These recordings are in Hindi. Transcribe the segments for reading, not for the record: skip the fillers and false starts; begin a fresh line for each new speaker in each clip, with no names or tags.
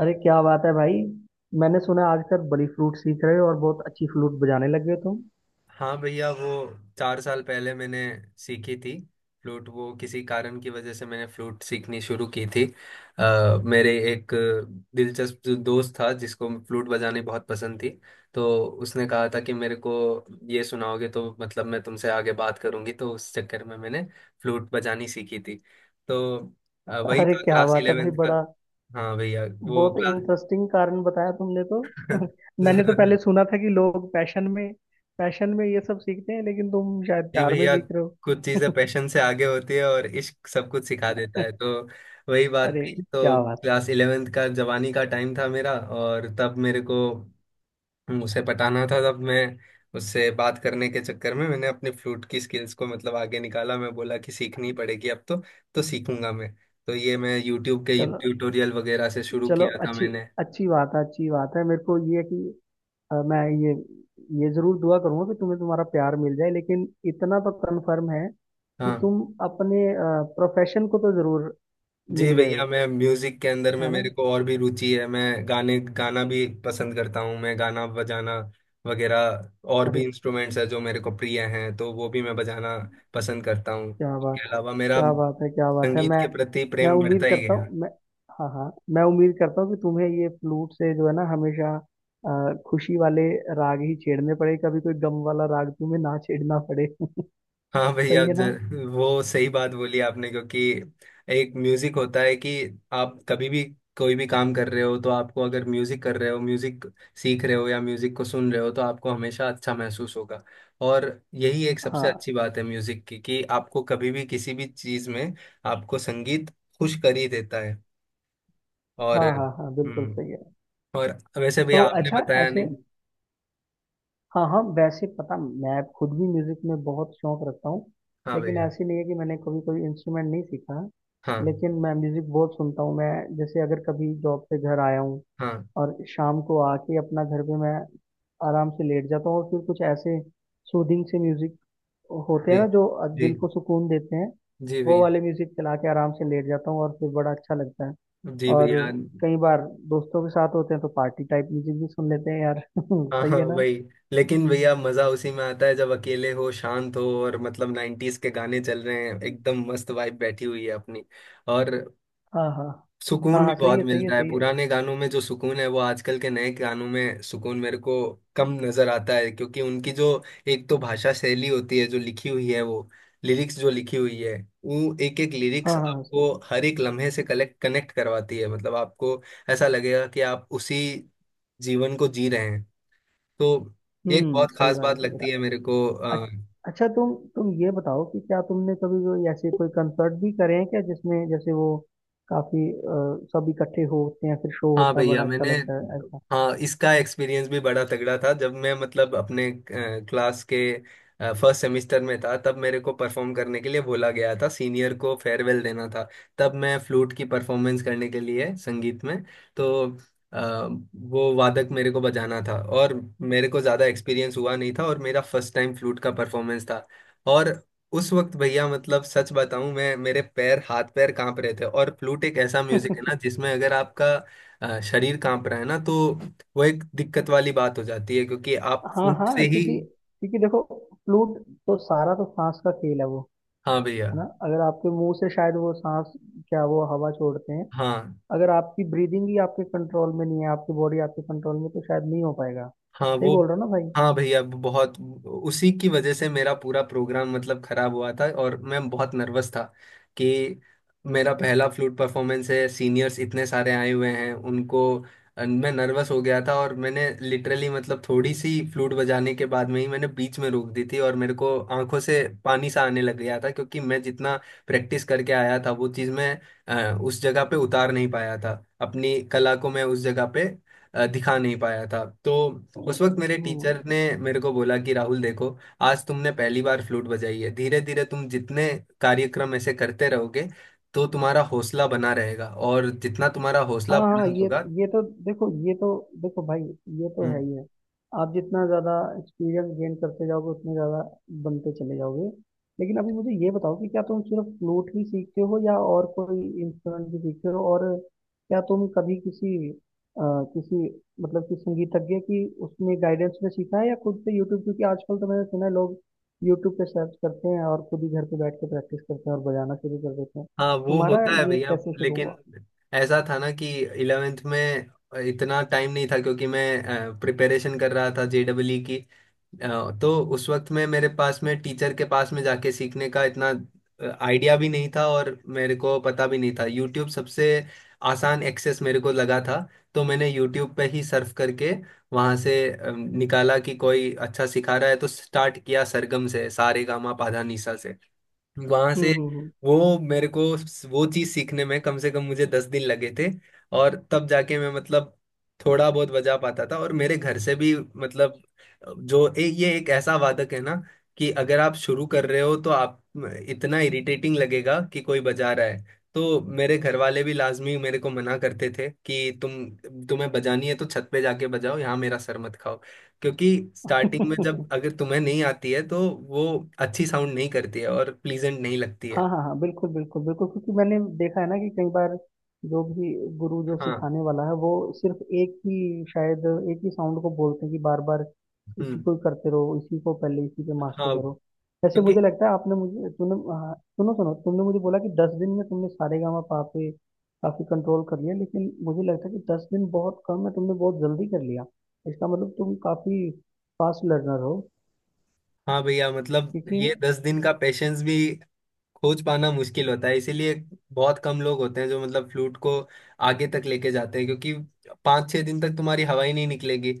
अरे क्या बात है भाई। मैंने सुना है आजकल बड़ी फ्लूट सीख रहे हो और बहुत अच्छी फ्लूट बजाने लगे हो तुम।
हाँ भैया वो 4 साल पहले मैंने सीखी थी फ्लूट। वो किसी कारण की वजह से मैंने फ्लूट सीखनी शुरू की थी। मेरे एक दिलचस्प जो दोस्त था जिसको फ्लूट बजानी बहुत पसंद थी। तो उसने कहा था कि मेरे को ये सुनाओगे तो मतलब मैं तुमसे आगे बात करूंगी, तो उस चक्कर में मैंने फ्लूट बजानी सीखी थी। तो वही
अरे
था
क्या
क्लास
बात है भाई,
इलेवेंथ का।
बड़ा
हाँ भैया वो
बहुत
क्लास
इंटरेस्टिंग कारण बताया तुमने तो। मैंने तो पहले
जरूर।
सुना था कि लोग पैशन में ये सब सीखते हैं, लेकिन तुम शायद
जी
प्यार में
भैया,
सीख रहे हो।
कुछ चीजें पैशन से आगे होती है और इश्क सब कुछ सिखा देता है। तो वही बात
अरे
थी, तो
क्या बात है।
क्लास इलेवेंथ का जवानी का टाइम था मेरा। और तब मेरे को उसे पटाना था, तब मैं उससे बात करने के चक्कर में मैंने अपने फ्लूट की स्किल्स को मतलब आगे निकाला। मैं बोला कि सीखनी पड़ेगी अब तो सीखूंगा मैं। तो ये मैं यूट्यूब के
चलो
ट्यूटोरियल वगैरह से शुरू
चलो,
किया था
अच्छी
मैंने।
अच्छी बात है, अच्छी बात है। मेरे को ये है कि मैं ये जरूर दुआ करूंगा कि तुम्हें तुम्हारा प्यार मिल जाए, लेकिन इतना तो कंफर्म है कि
हाँ।
तुम अपने प्रोफेशन को तो जरूर मिल
जी
गए
भैया,
हो,
मैं म्यूजिक के अंदर में
है ना।
मेरे को और भी रुचि है। मैं गाने गाना भी पसंद करता हूँ। मैं गाना बजाना वगैरह और भी
अरे
इंस्ट्रूमेंट्स है जो मेरे को प्रिय हैं, तो वो भी मैं बजाना पसंद करता हूँ।
क्या बात
इसके
है,
अलावा मेरा
क्या बात है, क्या बात है।
संगीत
मैं
के प्रति
मैं
प्रेम
उम्मीद
बढ़ता ही
करता
गया।
हूँ, मैं हाँ हाँ मैं उम्मीद करता हूँ कि तुम्हें ये फ्लूट से जो है ना हमेशा खुशी वाले राग ही छेड़ने पड़े, कभी कोई गम वाला राग तुम्हें ना छेड़ना पड़े।
हाँ भैया,
सही है ना।
वो सही बात बोली आपने। क्योंकि एक म्यूजिक होता है कि आप कभी भी कोई भी काम कर रहे हो तो आपको, अगर म्यूजिक कर रहे हो, म्यूजिक सीख रहे हो या म्यूजिक को सुन रहे हो, तो आपको हमेशा अच्छा महसूस होगा। और यही एक सबसे
हाँ
अच्छी बात है म्यूजिक की कि आपको कभी भी किसी भी चीज में, आपको संगीत खुश कर ही देता है। और
हाँ हाँ हाँ, बिल्कुल
हम्म।
सही है।
और वैसे
तो
भैया आपने
अच्छा,
बताया
ऐसे
नहीं।
हाँ हाँ, वैसे पता मैं खुद भी म्यूजिक में बहुत शौक रखता हूँ,
हाँ
लेकिन
भैया।
ऐसे नहीं है कि मैंने कभी कोई इंस्ट्रूमेंट नहीं सीखा है।
हाँ
लेकिन मैं म्यूजिक बहुत सुनता हूँ। मैं जैसे अगर कभी जॉब से घर आया हूँ
हाँ।
और शाम को आके अपना घर पे मैं आराम से लेट जाता हूँ और फिर कुछ ऐसे सूदिंग से म्यूजिक होते
जी।
हैं ना जो
जी।
दिल को सुकून देते हैं।
जी
वो
भैया।
वाले म्यूजिक चला के आराम से लेट जाता हूँ और फिर बड़ा अच्छा लगता है।
जी
और
भैया।
कई बार दोस्तों के साथ होते हैं तो पार्टी टाइप म्यूजिक भी सुन लेते हैं यार।
हाँ
सही
हाँ,
है ना।
वही। लेकिन भैया मजा उसी में आता है जब अकेले हो, शांत हो, और मतलब नाइन्टीज के गाने चल रहे हैं, एकदम मस्त वाइब बैठी हुई है अपनी। और
हाँ हाँ हाँ
सुकून भी
हाँ, सही
बहुत
है, सही है,
मिलता है,
सही है।
पुराने गानों में जो सुकून है वो आजकल के नए गानों में सुकून मेरे को कम नजर आता है। क्योंकि उनकी जो एक तो भाषा शैली होती है जो लिखी हुई है, वो लिरिक्स जो लिखी हुई है, वो एक एक
हाँ
लिरिक्स
हाँ हाँ, सही
आपको
है।
हर एक लम्हे से कलेक्ट कनेक्ट करवाती है। मतलब आपको ऐसा लगेगा कि आप उसी जीवन को जी रहे हैं। तो ये एक
हम्म,
बहुत
सही
खास
बात है,
बात
सही बात
लगती है मेरे को
है। अच्छा, तुम ये बताओ कि क्या तुमने कभी कोई ऐसे कोई कंसर्ट भी करे हैं क्या, जिसमें जैसे वो काफी सब इकट्ठे होते हैं फिर शो
हाँ
होता है, बड़ा
भैया
अच्छा
मैंने।
लगता है ऐसा।
हाँ, इसका एक्सपीरियंस भी बड़ा तगड़ा था जब मैं मतलब अपने क्लास के फर्स्ट सेमेस्टर में था। तब मेरे को परफॉर्म करने के लिए बोला गया था, सीनियर को फेयरवेल देना था। तब मैं फ्लूट की परफॉर्मेंस करने के लिए संगीत में, तो अ, वो वादक मेरे को बजाना था। और मेरे को ज़्यादा एक्सपीरियंस हुआ नहीं था, और मेरा फर्स्ट टाइम फ्लूट का परफॉर्मेंस था। और उस वक्त भैया मतलब सच बताऊं, मैं, मेरे पैर हाथ पैर कांप रहे थे। और फ्लूट एक ऐसा म्यूजिक है ना जिसमें अगर आपका शरीर कांप रहा है ना, तो वो एक दिक्कत वाली बात हो जाती है क्योंकि आप
हाँ
फूंक
हाँ,
से ही।
क्योंकि क्योंकि देखो फ्लूट तो सारा तो सांस का खेल है वो,
हाँ भैया।
है ना। अगर आपके मुंह से शायद वो सांस, क्या, वो हवा छोड़ते हैं।
हाँ
अगर आपकी ब्रीदिंग ही आपके कंट्रोल में नहीं है, आपकी बॉडी आपके कंट्रोल में, तो शायद नहीं हो पाएगा।
हाँ
सही
वो।
बोल रहा हूँ ना भाई।
हाँ भैया, वो बहुत, उसी की वजह से मेरा पूरा प्रोग्राम मतलब खराब हुआ था। और मैं बहुत नर्वस था कि मेरा पहला फ्लूट परफॉर्मेंस है, सीनियर्स इतने सारे आए हुए हैं उनको। मैं नर्वस हो गया था, और मैंने लिटरली मतलब थोड़ी सी फ्लूट बजाने के बाद में ही मैंने बीच में रोक दी थी। और मेरे को आंखों से पानी सा आने लग गया था क्योंकि मैं जितना प्रैक्टिस करके आया था वो चीज़ मैं उस जगह पे उतार नहीं पाया था। अपनी कला को मैं उस जगह पे दिखा नहीं पाया था। तो उस वक्त मेरे
हम्म।
टीचर ने मेरे को बोला कि राहुल देखो, आज तुमने पहली बार फ्लूट बजाई है, धीरे धीरे तुम जितने कार्यक्रम ऐसे करते रहोगे तो तुम्हारा हौसला बना रहेगा, और जितना तुम्हारा
हाँ
हौसला
हाँ,
बुलंद
ये
होगा।
ये तो देखो, ये तो देखो भाई, ये तो है
हम्म।
ही है। आप जितना ज़्यादा एक्सपीरियंस गेन करते जाओगे उतने ज़्यादा बनते चले जाओगे। लेकिन अभी मुझे ये बताओ कि क्या तुम सिर्फ फ्लूट ही सीखते हो या और कोई इंस्ट्रूमेंट भी सीखते हो, और क्या तुम कभी किसी मतलब कि संगीतज्ञ की उसमें गाइडेंस में सीखा है या खुद से यूट्यूब, क्योंकि आजकल तो मैंने सुना है लोग यूट्यूब पे सर्च करते हैं और खुद ही घर पे बैठ के प्रैक्टिस करते हैं और बजाना शुरू कर देते हैं।
हाँ, वो
तुम्हारा
होता है
ये
भैया।
कैसे शुरू
लेकिन
हुआ?
ऐसा था ना कि इलेवेंथ में इतना टाइम नहीं था क्योंकि मैं प्रिपरेशन कर रहा था जेडब्ल्यू की। तो उस वक्त में मेरे पास में टीचर के पास में जाके सीखने का इतना आइडिया भी नहीं था। और मेरे को पता भी नहीं था, यूट्यूब सबसे आसान एक्सेस मेरे को लगा था। तो मैंने यूट्यूब पे ही सर्फ करके वहाँ से निकाला कि कोई अच्छा सिखा रहा है, तो स्टार्ट किया सरगम से सारेगामा पाधानीसा। वहां से
हम्म।
वो मेरे को, वो चीज सीखने में कम से कम मुझे 10 दिन लगे थे। और तब जाके मैं मतलब थोड़ा बहुत बजा पाता था। और मेरे घर से भी मतलब, जो ये एक ऐसा वादक है ना कि अगर आप शुरू कर रहे हो तो आप, इतना इरिटेटिंग लगेगा कि कोई बजा रहा है। तो मेरे घर वाले भी लाजमी मेरे को मना करते थे कि तुम, तुम्हें बजानी है तो छत पे जाके बजाओ, यहाँ मेरा सर मत खाओ। क्योंकि स्टार्टिंग में
हाँ
जब अगर तुम्हें नहीं आती है तो वो अच्छी साउंड नहीं करती है, और प्लीजेंट नहीं लगती है।
हाँ हाँ, बिल्कुल बिल्कुल बिल्कुल, क्योंकि मैंने देखा है ना कि कई बार जो भी गुरु जो
हाँ।
सिखाने वाला है वो सिर्फ एक ही, शायद एक ही साउंड को बोलते हैं कि बार बार इसी
हम्म।
को ही करते रहो, इसी को पहले, इसी पे मास्टर
हाँ,
करो। ऐसे
क्योंकि
मुझे लगता है, आपने मुझे तुमने, हाँ, सुनो सुनो, तुमने मुझे बोला कि 10 दिन में तुमने सारेगामा पा पे काफी कंट्रोल कर लिया, लेकिन मुझे लगता है कि 10 दिन बहुत कम है, तुमने बहुत जल्दी कर लिया। इसका मतलब तुम काफी फास्ट लर्नर हो,
हाँ भैया मतलब
क्योंकि
ये 10 दिन का पेशेंस भी खोज पाना मुश्किल होता है। इसीलिए बहुत कम लोग होते हैं जो मतलब फ्लूट को आगे तक लेके जाते हैं। क्योंकि 5-6 दिन तक तुम्हारी हवा ही नहीं निकलेगी,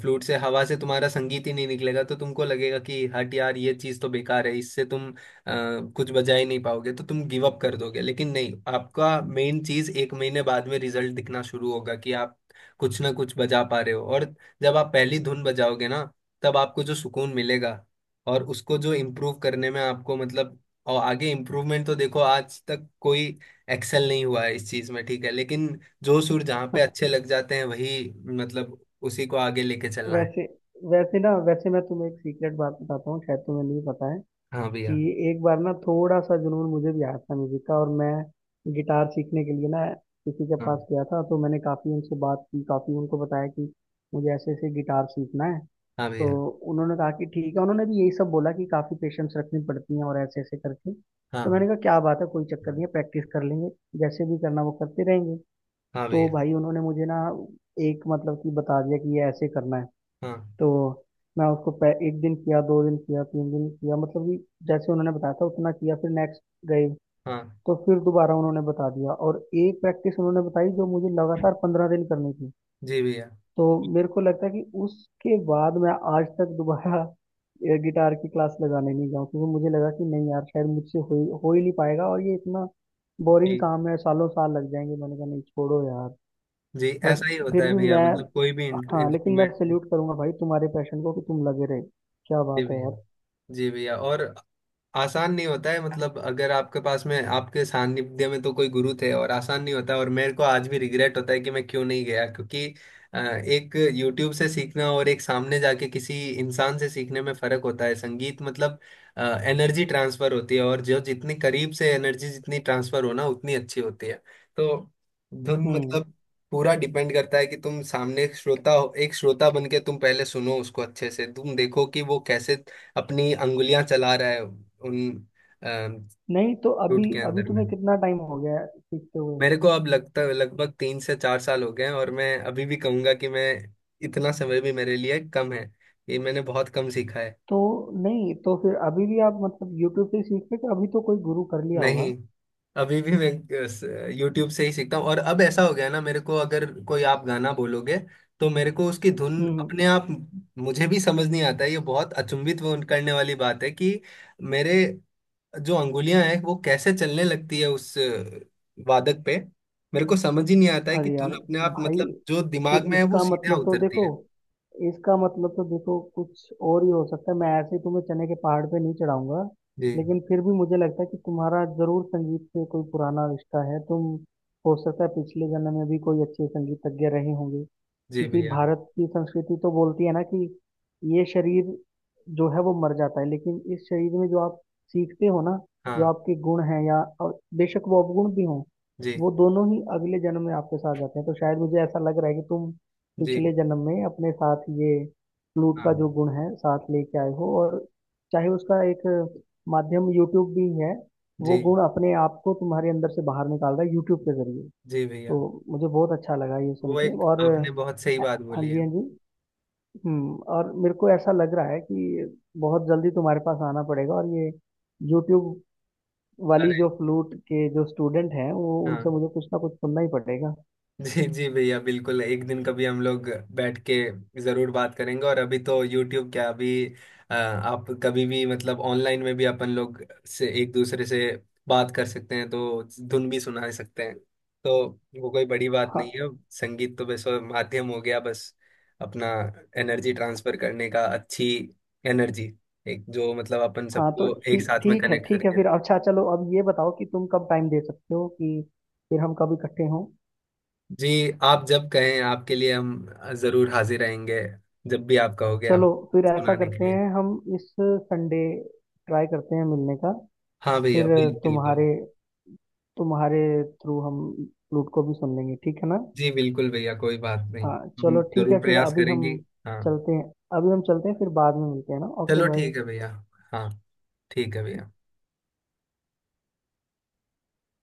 फ्लूट से हवा से तुम्हारा संगीत ही नहीं निकलेगा। तो तुमको लगेगा कि हट यार ये चीज़ तो बेकार है, इससे तुम कुछ बजा ही नहीं पाओगे, तो तुम गिव अप कर दोगे। लेकिन नहीं, आपका मेन चीज़ एक महीने बाद में रिजल्ट दिखना शुरू होगा कि आप कुछ ना कुछ बजा पा रहे हो। और जब आप पहली धुन बजाओगे ना, तब आपको जो सुकून मिलेगा और उसको जो इम्प्रूव करने में आपको मतलब और आगे इम्प्रूवमेंट, तो देखो आज तक कोई एक्सेल नहीं हुआ है इस चीज में, ठीक है। लेकिन जो सुर जहाँ पे अच्छे लग जाते हैं, वही मतलब उसी को आगे लेके चलना है।
वैसे वैसे ना वैसे मैं तुम्हें एक सीक्रेट बात बताता हूँ, शायद तुम्हें नहीं पता है
हाँ भैया।
कि एक बार ना थोड़ा सा जुनून मुझे भी आया था म्यूजिक का, और मैं गिटार सीखने के लिए ना किसी के
हाँ
पास गया था। तो मैंने काफ़ी उनसे बात की, काफ़ी उनको बताया कि मुझे ऐसे ऐसे गिटार सीखना है।
हाँ
तो
भैया।
उन्होंने कहा कि ठीक है, उन्होंने भी यही सब बोला कि काफ़ी पेशेंस रखनी पड़ती है और ऐसे ऐसे करके। तो मैंने
हाँ
कहा क्या बात है, कोई चक्कर नहीं है, प्रैक्टिस कर लेंगे, जैसे भी करना वो करते रहेंगे।
हाँ
तो
भैया।
भाई उन्होंने मुझे ना एक मतलब कि बता दिया कि ये ऐसे करना है।
हाँ
तो मैं उसको एक दिन किया, 2 दिन किया, 3 दिन किया, मतलब कि जैसे उन्होंने बताया था उतना किया। फिर नेक्स्ट गए।
हाँ
तो फिर दोबारा उन्होंने बता दिया, और एक प्रैक्टिस उन्होंने बताई जो मुझे लगातार 15 दिन करनी थी।
जी भैया।
तो मेरे को लगता है कि उसके बाद मैं आज तक दोबारा गिटार की क्लास लगाने नहीं जाऊँ, क्योंकि मुझे लगा कि नहीं यार, शायद मुझसे हो ही नहीं पाएगा और ये इतना बोरिंग
जी।
काम है, सालों साल लग जाएंगे। मैंने कहा नहीं छोड़ो यार।
जी,
बट
ऐसा ही होता
फिर
है
भी
भैया
मैं
मतलब कोई भी
हाँ, लेकिन मैं
इंस्ट्रूमेंट।
सैल्यूट करूंगा भाई तुम्हारे पैशन को कि तुम लगे रहे। क्या
जी
बात है
भैया।
यार।
जी भैया, और आसान नहीं होता है। मतलब अगर आपके पास में आपके सानिध्य में तो कोई गुरु थे, और आसान नहीं होता। और मेरे को आज भी रिग्रेट होता है कि मैं क्यों नहीं गया। क्योंकि एक यूट्यूब से सीखना और एक सामने जाके किसी इंसान से सीखने में फर्क होता है। संगीत मतलब एनर्जी ट्रांसफर होती है। और जो जितनी करीब से एनर्जी जितनी ट्रांसफर हो ना उतनी अच्छी होती है। तो धुन
हम्म।
मतलब पूरा डिपेंड करता है कि तुम सामने एक श्रोता हो, एक श्रोता बन के तुम पहले सुनो उसको अच्छे से, तुम देखो कि वो कैसे अपनी अंगुलियां चला रहा है उन फ्रूट
नहीं तो अभी
के
अभी
अंदर में।
तुम्हें कितना टाइम हो गया है सीखते हुए?
मेरे को अब लगता लगभग 3 से 4 साल हो गए हैं, और मैं अभी भी कहूंगा कि मैं, इतना समय भी मेरे लिए कम है। ये मैंने बहुत कम सीखा है।
तो नहीं, तो फिर अभी भी आप मतलब यूट्यूब से सीखते हो कि अभी तो कोई गुरु कर लिया होगा?
नहीं, अभी भी मैं यूट्यूब से ही सीखता हूँ। और अब ऐसा हो गया ना, मेरे को अगर कोई आप गाना बोलोगे तो मेरे को उसकी धुन
हम्म।
अपने आप, मुझे भी समझ नहीं आता है। ये बहुत अचंभित वो करने वाली बात है कि मेरे जो अंगुलियां हैं वो कैसे चलने लगती है उस वादक पे, मेरे को समझ ही नहीं आता है कि
अरे
धुन
यार,
अपने आप
भाई,
मतलब जो दिमाग
फिर
में है वो
इसका
सीधा
मतलब तो
उतरती
देखो,
है।
इसका मतलब तो देखो, कुछ और ही हो सकता है। मैं ऐसे ही तुम्हें चने के पहाड़ पे नहीं चढ़ाऊंगा,
जी।
लेकिन फिर भी मुझे लगता है कि तुम्हारा जरूर संगीत से कोई पुराना रिश्ता है, तुम हो सकता है पिछले जन्म में भी कोई अच्छे संगीतज्ञ रहे होंगे।
जी
क्योंकि
भैया।
भारत की संस्कृति तो बोलती है ना कि ये शरीर जो है वो मर जाता है, लेकिन इस शरीर में जो आप सीखते हो ना, जो
हाँ।
आपके गुण हैं या और बेशक वो अवगुण भी हों,
जी।
वो दोनों ही अगले जन्म में आपके साथ जाते हैं। तो शायद मुझे ऐसा लग रहा है कि तुम
जी।
पिछले जन्म में अपने साथ ये फ्लूट का
हाँ।
जो गुण है साथ लेके आए हो, और चाहे उसका एक माध्यम यूट्यूब भी है,
जी।
वो गुण अपने आप को तुम्हारे अंदर से बाहर निकाल रहा है यूट्यूब के जरिए।
जी भैया,
तो मुझे बहुत अच्छा लगा ये सुन
वो
के।
एक
और
आपने बहुत सही
अ,
बात
हाँ
बोली
जी,
है।
हाँ जी, हम्म। और मेरे को ऐसा लग रहा है कि बहुत जल्दी तुम्हारे पास आना पड़ेगा, और ये यूट्यूब वाली
अरे।
जो फ्लूट के जो स्टूडेंट हैं वो
हाँ।
उनसे मुझे कुछ ना कुछ सुनना ही पड़ेगा।
जी जी भैया, बिल्कुल, एक दिन कभी हम लोग बैठ के जरूर बात करेंगे। और अभी तो यूट्यूब क्या, अभी आप कभी भी मतलब ऑनलाइन में भी अपन लोग से, एक दूसरे से बात कर सकते हैं, तो धुन भी सुना सकते हैं। तो वो कोई बड़ी बात नहीं
हाँ
है। संगीत तो बस वो माध्यम हो गया, बस अपना एनर्जी ट्रांसफर करने का, अच्छी एनर्जी, एक जो मतलब अपन
हाँ, तो
सबको एक
ठीक
साथ में
ठीक है,
कनेक्ट
ठीक है,
करके।
फिर अच्छा, चलो अब ये बताओ कि तुम कब टाइम दे सकते हो, कि फिर हम कब इकट्ठे हों?
जी, आप जब कहें आपके लिए हम जरूर हाजिर रहेंगे। जब भी आप कहोगे हम
चलो फिर ऐसा
सुनाने के
करते
लिए।
हैं, हम इस संडे ट्राई करते हैं मिलने का,
हाँ भैया
फिर
बिल्कुल।
तुम्हारे तुम्हारे थ्रू हम फ्लूट को भी सुन लेंगे, ठीक है ना।
जी बिल्कुल भैया, कोई बात नहीं।
हाँ
हम
चलो ठीक है।
जरूर
फिर
प्रयास
अभी हम
करेंगे। हाँ
चलते हैं, अभी हम चलते हैं, फिर बाद में मिलते हैं ना। ओके
चलो ठीक
भाई।
है भैया। हाँ ठीक है भैया।